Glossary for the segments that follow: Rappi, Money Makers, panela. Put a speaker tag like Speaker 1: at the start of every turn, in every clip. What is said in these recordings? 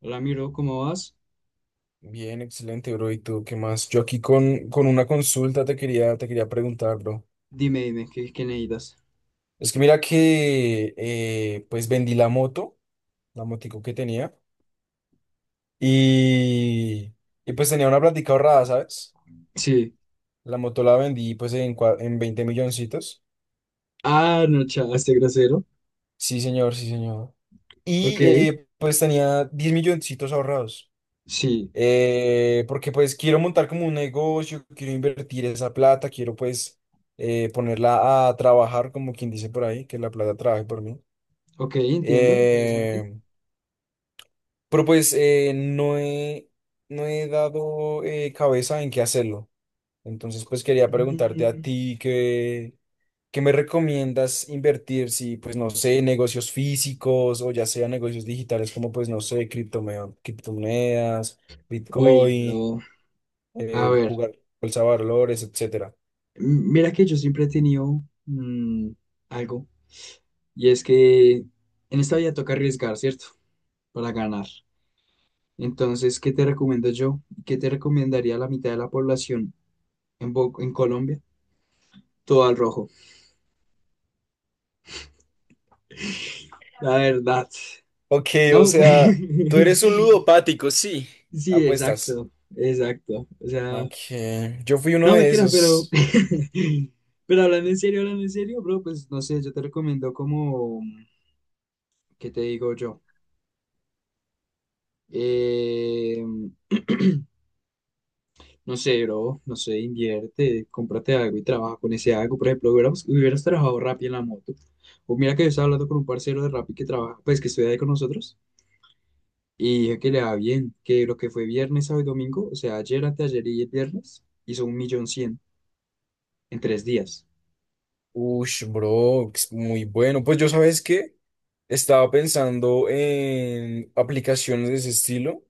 Speaker 1: Hola, miro, ¿cómo vas?
Speaker 2: Bien, excelente, bro. ¿Y tú qué más? Yo aquí con una consulta te quería preguntar, bro.
Speaker 1: Dime, ¿qué necesitas?
Speaker 2: Es que mira que pues vendí la moto, la motico que tenía, y, y pues tenía una plática ahorrada, ¿sabes?
Speaker 1: Sí.
Speaker 2: La moto la vendí pues en 20 milloncitos.
Speaker 1: Ah, no, chao, este grosero.
Speaker 2: Sí, señor, sí, señor.
Speaker 1: Ok,
Speaker 2: Y pues tenía 10 milloncitos ahorrados.
Speaker 1: sí.
Speaker 2: Porque pues quiero montar como un negocio, quiero invertir esa plata, quiero pues ponerla a trabajar, como quien dice por ahí, que la plata trabaje por mí.
Speaker 1: Ok, entiendo, interesante.
Speaker 2: Eh, pero pues no he dado cabeza en qué hacerlo. Entonces pues quería preguntarte a
Speaker 1: Mm,
Speaker 2: ti que… ¿Qué me recomiendas invertir? Si pues no sé, negocios físicos o ya sea negocios digitales como, pues, no sé, criptomonedas,
Speaker 1: uy,
Speaker 2: Bitcoin,
Speaker 1: bro. A ver,
Speaker 2: jugar bolsa de valores, etcétera.
Speaker 1: mira que yo siempre he tenido algo, y es que en esta vida toca arriesgar, ¿cierto? Para ganar. Entonces, ¿qué te recomiendo yo? ¿Qué te recomendaría la mitad de la población en, en Colombia? Todo al rojo. La verdad.
Speaker 2: Ok, o
Speaker 1: No.
Speaker 2: sea, tú eres un ludopático, sí.
Speaker 1: Sí,
Speaker 2: Apuestas.
Speaker 1: exacto, exacto. O sea,
Speaker 2: Ok, yo fui uno
Speaker 1: no
Speaker 2: de
Speaker 1: mentiras, pero,
Speaker 2: esos.
Speaker 1: pero hablando en serio, bro, pues no sé, yo te recomiendo como, ¿qué te digo yo? Eh, no sé, bro, no sé, invierte, cómprate algo y trabaja con ese algo. Por ejemplo, hubieras trabajado Rappi en la moto. O mira que yo estaba hablando con un parcero de Rappi que trabaja, pues que estudia ahí con nosotros, y dije que le va bien, que lo que fue viernes, sábado y domingo, o sea, ayer, anteayer y el viernes, hizo 1.100.000 en tres días.
Speaker 2: Ush, bro, es muy bueno. Pues yo, ¿sabes qué? Estaba pensando en aplicaciones de ese estilo,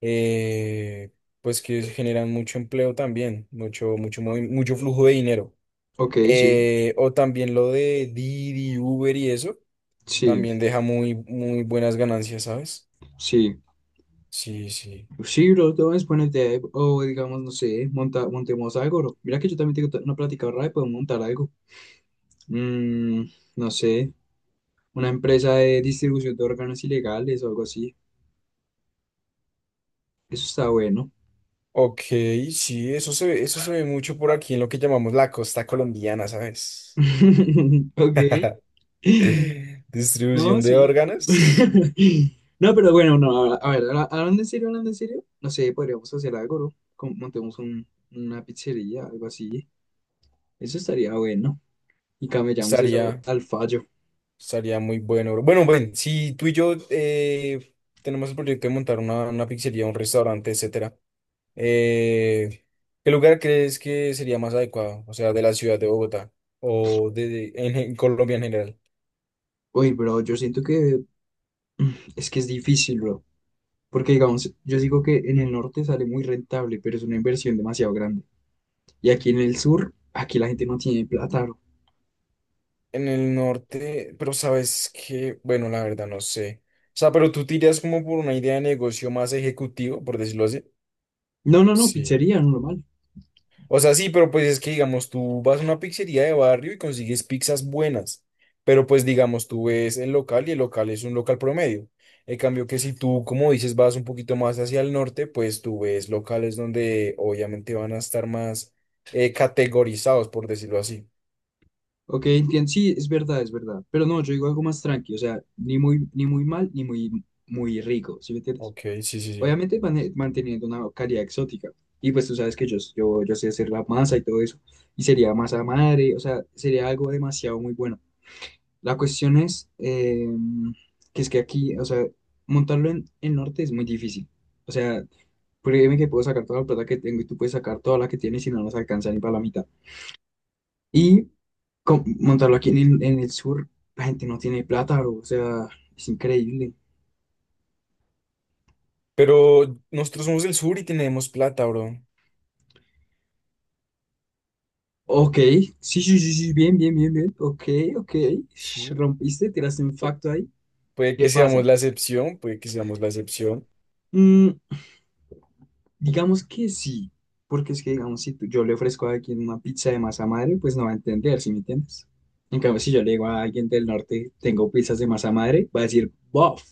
Speaker 2: eh, pues que generan mucho empleo también, mucho, mucho flujo de dinero.
Speaker 1: Ok, sí.
Speaker 2: O también lo de Didi, Uber y eso,
Speaker 1: Sí,
Speaker 2: también deja muy, muy buenas ganancias, ¿sabes?
Speaker 1: sí.
Speaker 2: Sí, sí.
Speaker 1: Sí, bro, todo es buena idea. O digamos, no sé, montemos algo, bro. Mira que yo también tengo una plática ahorrada y podemos montar algo. Mm, no sé, una empresa de distribución de órganos ilegales o algo así. Eso está bueno.
Speaker 2: Ok, sí, eso se ve mucho por aquí en lo que llamamos la costa colombiana, ¿sabes?
Speaker 1: Ok. No,
Speaker 2: Distribución de
Speaker 1: sí.
Speaker 2: órganos.
Speaker 1: No, pero bueno, no, a ver, hablando en serio, no sé, podríamos hacer algo, bro. Montemos una pizzería, algo así. Eso estaría bueno. Y camellamos eso
Speaker 2: Estaría,
Speaker 1: al fallo.
Speaker 2: Estaría muy bueno, bro. Bueno, ven, si tú y yo tenemos el proyecto de montar una pizzería, un restaurante, etcétera, eh, ¿qué lugar crees que sería más adecuado? O sea, de la ciudad de Bogotá en Colombia en general.
Speaker 1: Uy, bro, yo siento que es que es difícil, bro. Porque, digamos, yo digo que en el norte sale muy rentable, pero es una inversión demasiado grande. Y aquí en el sur, aquí la gente no tiene plata, bro.
Speaker 2: En el norte, pero sabes que, bueno, la verdad no sé. O sea, pero tú tiras como por una idea de negocio más ejecutivo, por decirlo así.
Speaker 1: No, no, no,
Speaker 2: Sí.
Speaker 1: pizzería, normal.
Speaker 2: O sea, sí, pero pues es que, digamos, tú vas a una pizzería de barrio y consigues pizzas buenas, pero pues, digamos, tú ves el local y el local es un local promedio. En cambio que si tú, como dices, vas un poquito más hacia el norte, pues tú ves locales donde obviamente van a estar más categorizados, por decirlo así.
Speaker 1: Ok, entiendo. Sí, es verdad, es verdad. Pero no, yo digo algo más tranqui. O sea, ni muy, ni muy mal, ni muy, muy rico, ¿sí me entiendes?
Speaker 2: Ok, sí, sí, sí.
Speaker 1: Obviamente manteniendo una calidad exótica. Y pues tú sabes que yo, yo sé hacer la masa y todo eso. Y sería masa madre, o sea, sería algo demasiado muy bueno. La cuestión es que es que aquí, o sea, montarlo en el norte es muy difícil. O sea, créeme que puedo sacar toda la plata que tengo y tú puedes sacar toda la que tienes y no nos alcanza ni para la mitad. Y montarlo aquí en el sur, la gente no tiene plata, bro. O sea, es increíble.
Speaker 2: Pero nosotros somos del sur y tenemos plata, bro.
Speaker 1: Ok, sí, sí, sí, sí, bien, bien, bien, bien. Ok, ok. Sh,
Speaker 2: Sí.
Speaker 1: rompiste, tiraste un
Speaker 2: Pu-
Speaker 1: facto ahí.
Speaker 2: Puede
Speaker 1: ¿Qué
Speaker 2: que seamos
Speaker 1: pasa?
Speaker 2: la excepción, puede que seamos la excepción.
Speaker 1: Mm, Digamos que sí, porque es que, digamos, si tú- yo le ofrezco a alguien una pizza de masa madre, pues no va a entender, ¿sí me entiendes? En cambio, si yo le digo a alguien del norte, tengo pizzas de masa madre, va a decir, bof.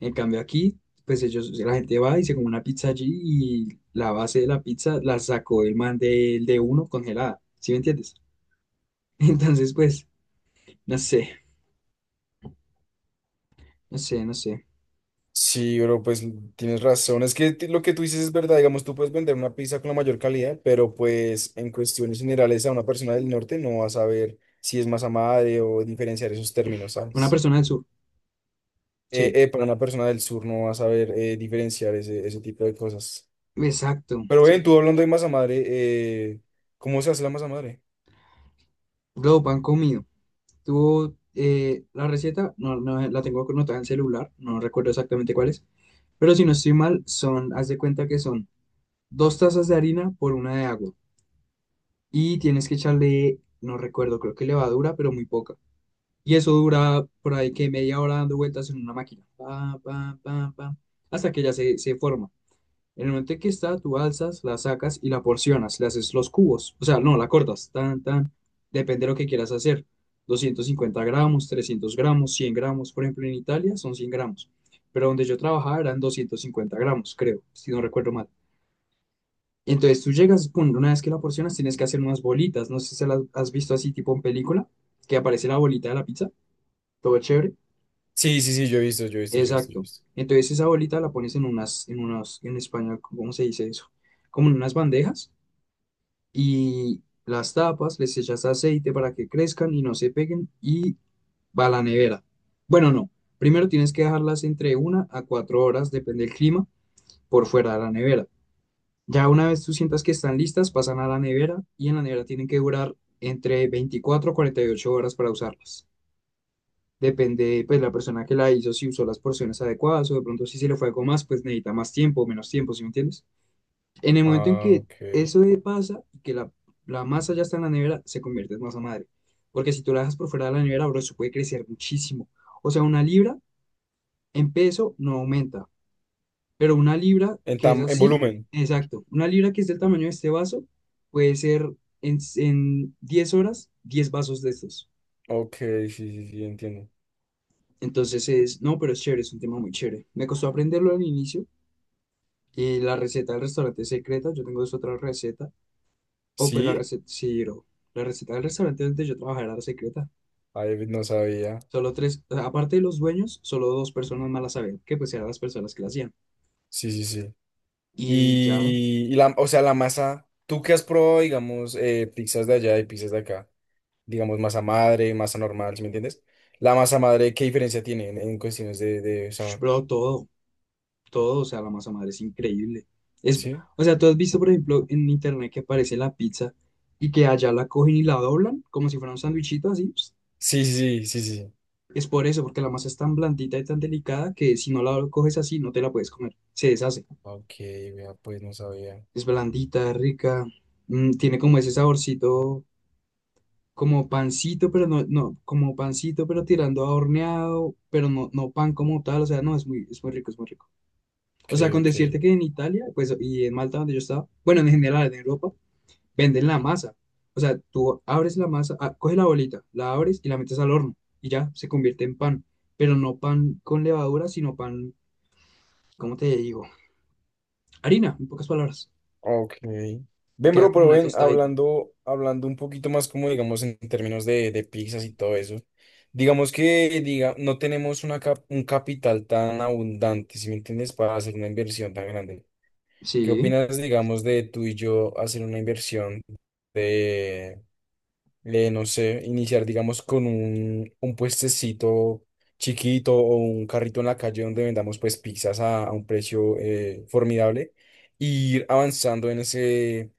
Speaker 1: En cambio, aquí, pues ellos, la gente va y se come una pizza allí y la base de la pizza la sacó el man del de uno congelada, ¿sí me entiendes? Entonces, pues, no sé, no sé, no sé.
Speaker 2: Sí, bro, pues tienes razón. Es que lo que tú dices es verdad. Digamos, tú puedes vender una pizza con la mayor calidad, pero pues en cuestiones generales a una persona del norte no va a saber si es masa madre o diferenciar esos términos,
Speaker 1: Una
Speaker 2: ¿sabes?
Speaker 1: persona del sur, sí,
Speaker 2: Para una persona del sur no va a saber diferenciar ese tipo de cosas.
Speaker 1: exacto,
Speaker 2: Pero ven,
Speaker 1: sí.
Speaker 2: tú hablando de masa madre, ¿cómo se hace la masa madre?
Speaker 1: Lo pan comido. Tú, la receta, no la tengo anotada en celular, no recuerdo exactamente cuál es, pero si no estoy mal, son, haz de cuenta que son 2 tazas de harina por una de agua y tienes que echarle, no recuerdo, creo que levadura, pero muy poca. Y eso dura por ahí que media hora dando vueltas en una máquina, pa, pa, pa, pa, hasta que ya se forma. En el momento en que está, tú alzas, la sacas y la porcionas, le haces los cubos, o sea, no, la cortas, tan, tan, depende de lo que quieras hacer. 250 gramos, 300 gramos, 100 gramos, por ejemplo, en Italia son 100 gramos, pero donde yo trabajaba eran 250 gramos, creo, si no recuerdo mal. Entonces tú llegas, pum, una vez que la porcionas tienes que hacer unas bolitas, no sé si las has visto así tipo en película, que aparece la bolita de la pizza, todo chévere.
Speaker 2: Sí, sí, sí, yo he visto, yo he visto, yo he visto, yo he
Speaker 1: Exacto.
Speaker 2: visto.
Speaker 1: Entonces esa bolita la pones en unas, en unas, en español, ¿cómo se dice eso? Como en unas bandejas y las tapas, les echas aceite para que crezcan y no se peguen y va a la nevera. Bueno, no, primero tienes que dejarlas entre una a 4 horas, depende del clima, por fuera de la nevera. Ya una vez tú sientas que están listas, pasan a la nevera y en la nevera tienen que durar entre 24 a 48 horas para usarlas. Depende, pues, la persona que la hizo, si usó las porciones adecuadas o de pronto si se le fue algo más, pues necesita más tiempo o menos tiempo, ¿sí me entiendes? En el momento en
Speaker 2: Ah,
Speaker 1: que
Speaker 2: ok.
Speaker 1: eso pasa y que la masa ya está en la nevera, se convierte en masa madre. Porque si tú la dejas por fuera de la nevera, bro, eso puede crecer muchísimo. O sea, una libra en peso no aumenta, pero una libra que es
Speaker 2: En
Speaker 1: así,
Speaker 2: volumen.
Speaker 1: exacto, una libra que es del tamaño de este vaso, puede ser en 10 horas 10 vasos de estos.
Speaker 2: Ok, sí, sí, sí, entiendo.
Speaker 1: Entonces es, no, pero es chévere, es un tema muy chévere. Me costó aprenderlo al inicio. La receta del restaurante secreta, yo tengo esta otra receta. O pues la
Speaker 2: ¿Sí?
Speaker 1: receta, sí, bro. La receta del restaurante donde yo trabajaba era la secreta.
Speaker 2: Ay, no sabía.
Speaker 1: Solo tres, o sea, aparte de los dueños, solo dos personas más la sabían, que pues eran las personas que la hacían.
Speaker 2: Sí, sí, sí.
Speaker 1: Y ya, bro.
Speaker 2: Y la, o sea, la masa, ¿tú qué has probado, digamos, pizzas de allá y pizzas de acá? Digamos, masa madre, masa normal, ¿sí me entiendes? La masa madre, ¿qué diferencia tiene en cuestiones de sabor?
Speaker 1: Bro, todo, todo, o sea, la masa madre es increíble. Es,
Speaker 2: ¿Sí?
Speaker 1: o sea, tú has visto, por ejemplo, en internet que aparece la pizza y que allá la cogen y la doblan como si fuera un sándwichito así. Ps.
Speaker 2: Sí, sí, sí, sí, sí, sí.
Speaker 1: Es por eso, porque la masa es tan blandita y tan delicada que si no la coges así, no te la puedes comer. Se deshace.
Speaker 2: Ok, vea, pues no sabía.
Speaker 1: Es blandita, rica, mm, tiene como ese saborcito como pancito, pero no, no, como pancito, pero tirando a horneado, pero no, no pan como tal, o sea, no, es muy rico, es muy rico. O
Speaker 2: Ok,
Speaker 1: sea, con
Speaker 2: ok.
Speaker 1: decirte que en Italia, pues, y en Malta donde yo estaba, bueno, en general, en Europa, venden la masa. O sea, tú abres la masa, ah, coges la bolita, la abres y la metes al horno y ya se convierte en pan, pero no pan con levadura, sino pan, ¿cómo te digo? Harina, en pocas palabras,
Speaker 2: Ok.
Speaker 1: y
Speaker 2: Ven,
Speaker 1: queda
Speaker 2: bro,
Speaker 1: como
Speaker 2: pero
Speaker 1: una
Speaker 2: ven,
Speaker 1: tostadita.
Speaker 2: hablando, hablando un poquito más como digamos en términos de pizzas y todo eso. Digamos que diga, no tenemos un capital tan abundante, si me entiendes, para hacer una inversión tan grande. ¿Qué
Speaker 1: Sí.
Speaker 2: opinas, digamos, de tú y yo hacer una inversión de, no sé, iniciar, digamos, con un puestecito chiquito o un carrito en la calle donde vendamos pues pizzas a un precio formidable? E ir avanzando en ese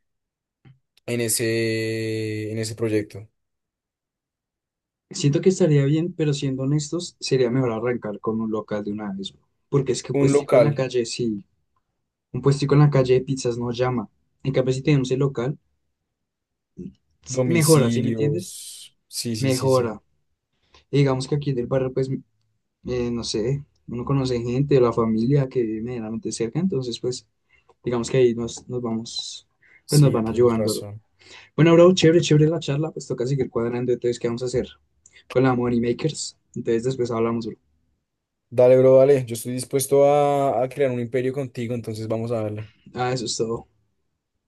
Speaker 2: en ese proyecto.
Speaker 1: Siento que estaría bien, pero siendo honestos, sería mejor arrancar con un local de una vez, porque es que un
Speaker 2: Un
Speaker 1: puestico en
Speaker 2: local,
Speaker 1: la calle, sí, un puestico en la calle de pizzas no llama. En cambio, si tenemos el local, mejora, ¿sí me entiendes?
Speaker 2: domicilios. Sí, sí, sí, sí.
Speaker 1: Mejora. Y digamos que aquí en el barrio, pues, no sé, uno conoce gente de la familia que vive medianamente cerca, entonces, pues, digamos que ahí nos, nos vamos, pues nos
Speaker 2: Sí,
Speaker 1: van
Speaker 2: tienes
Speaker 1: ayudando, bro.
Speaker 2: razón.
Speaker 1: Bueno, bro, chévere, chévere la charla, pues toca seguir cuadrando, entonces, ¿qué vamos a hacer? Con la Money Makers, entonces después hablamos, bro.
Speaker 2: Dale, bro, dale. Yo estoy dispuesto a crear un imperio contigo, entonces vamos a darle.
Speaker 1: Ah, eso es todo.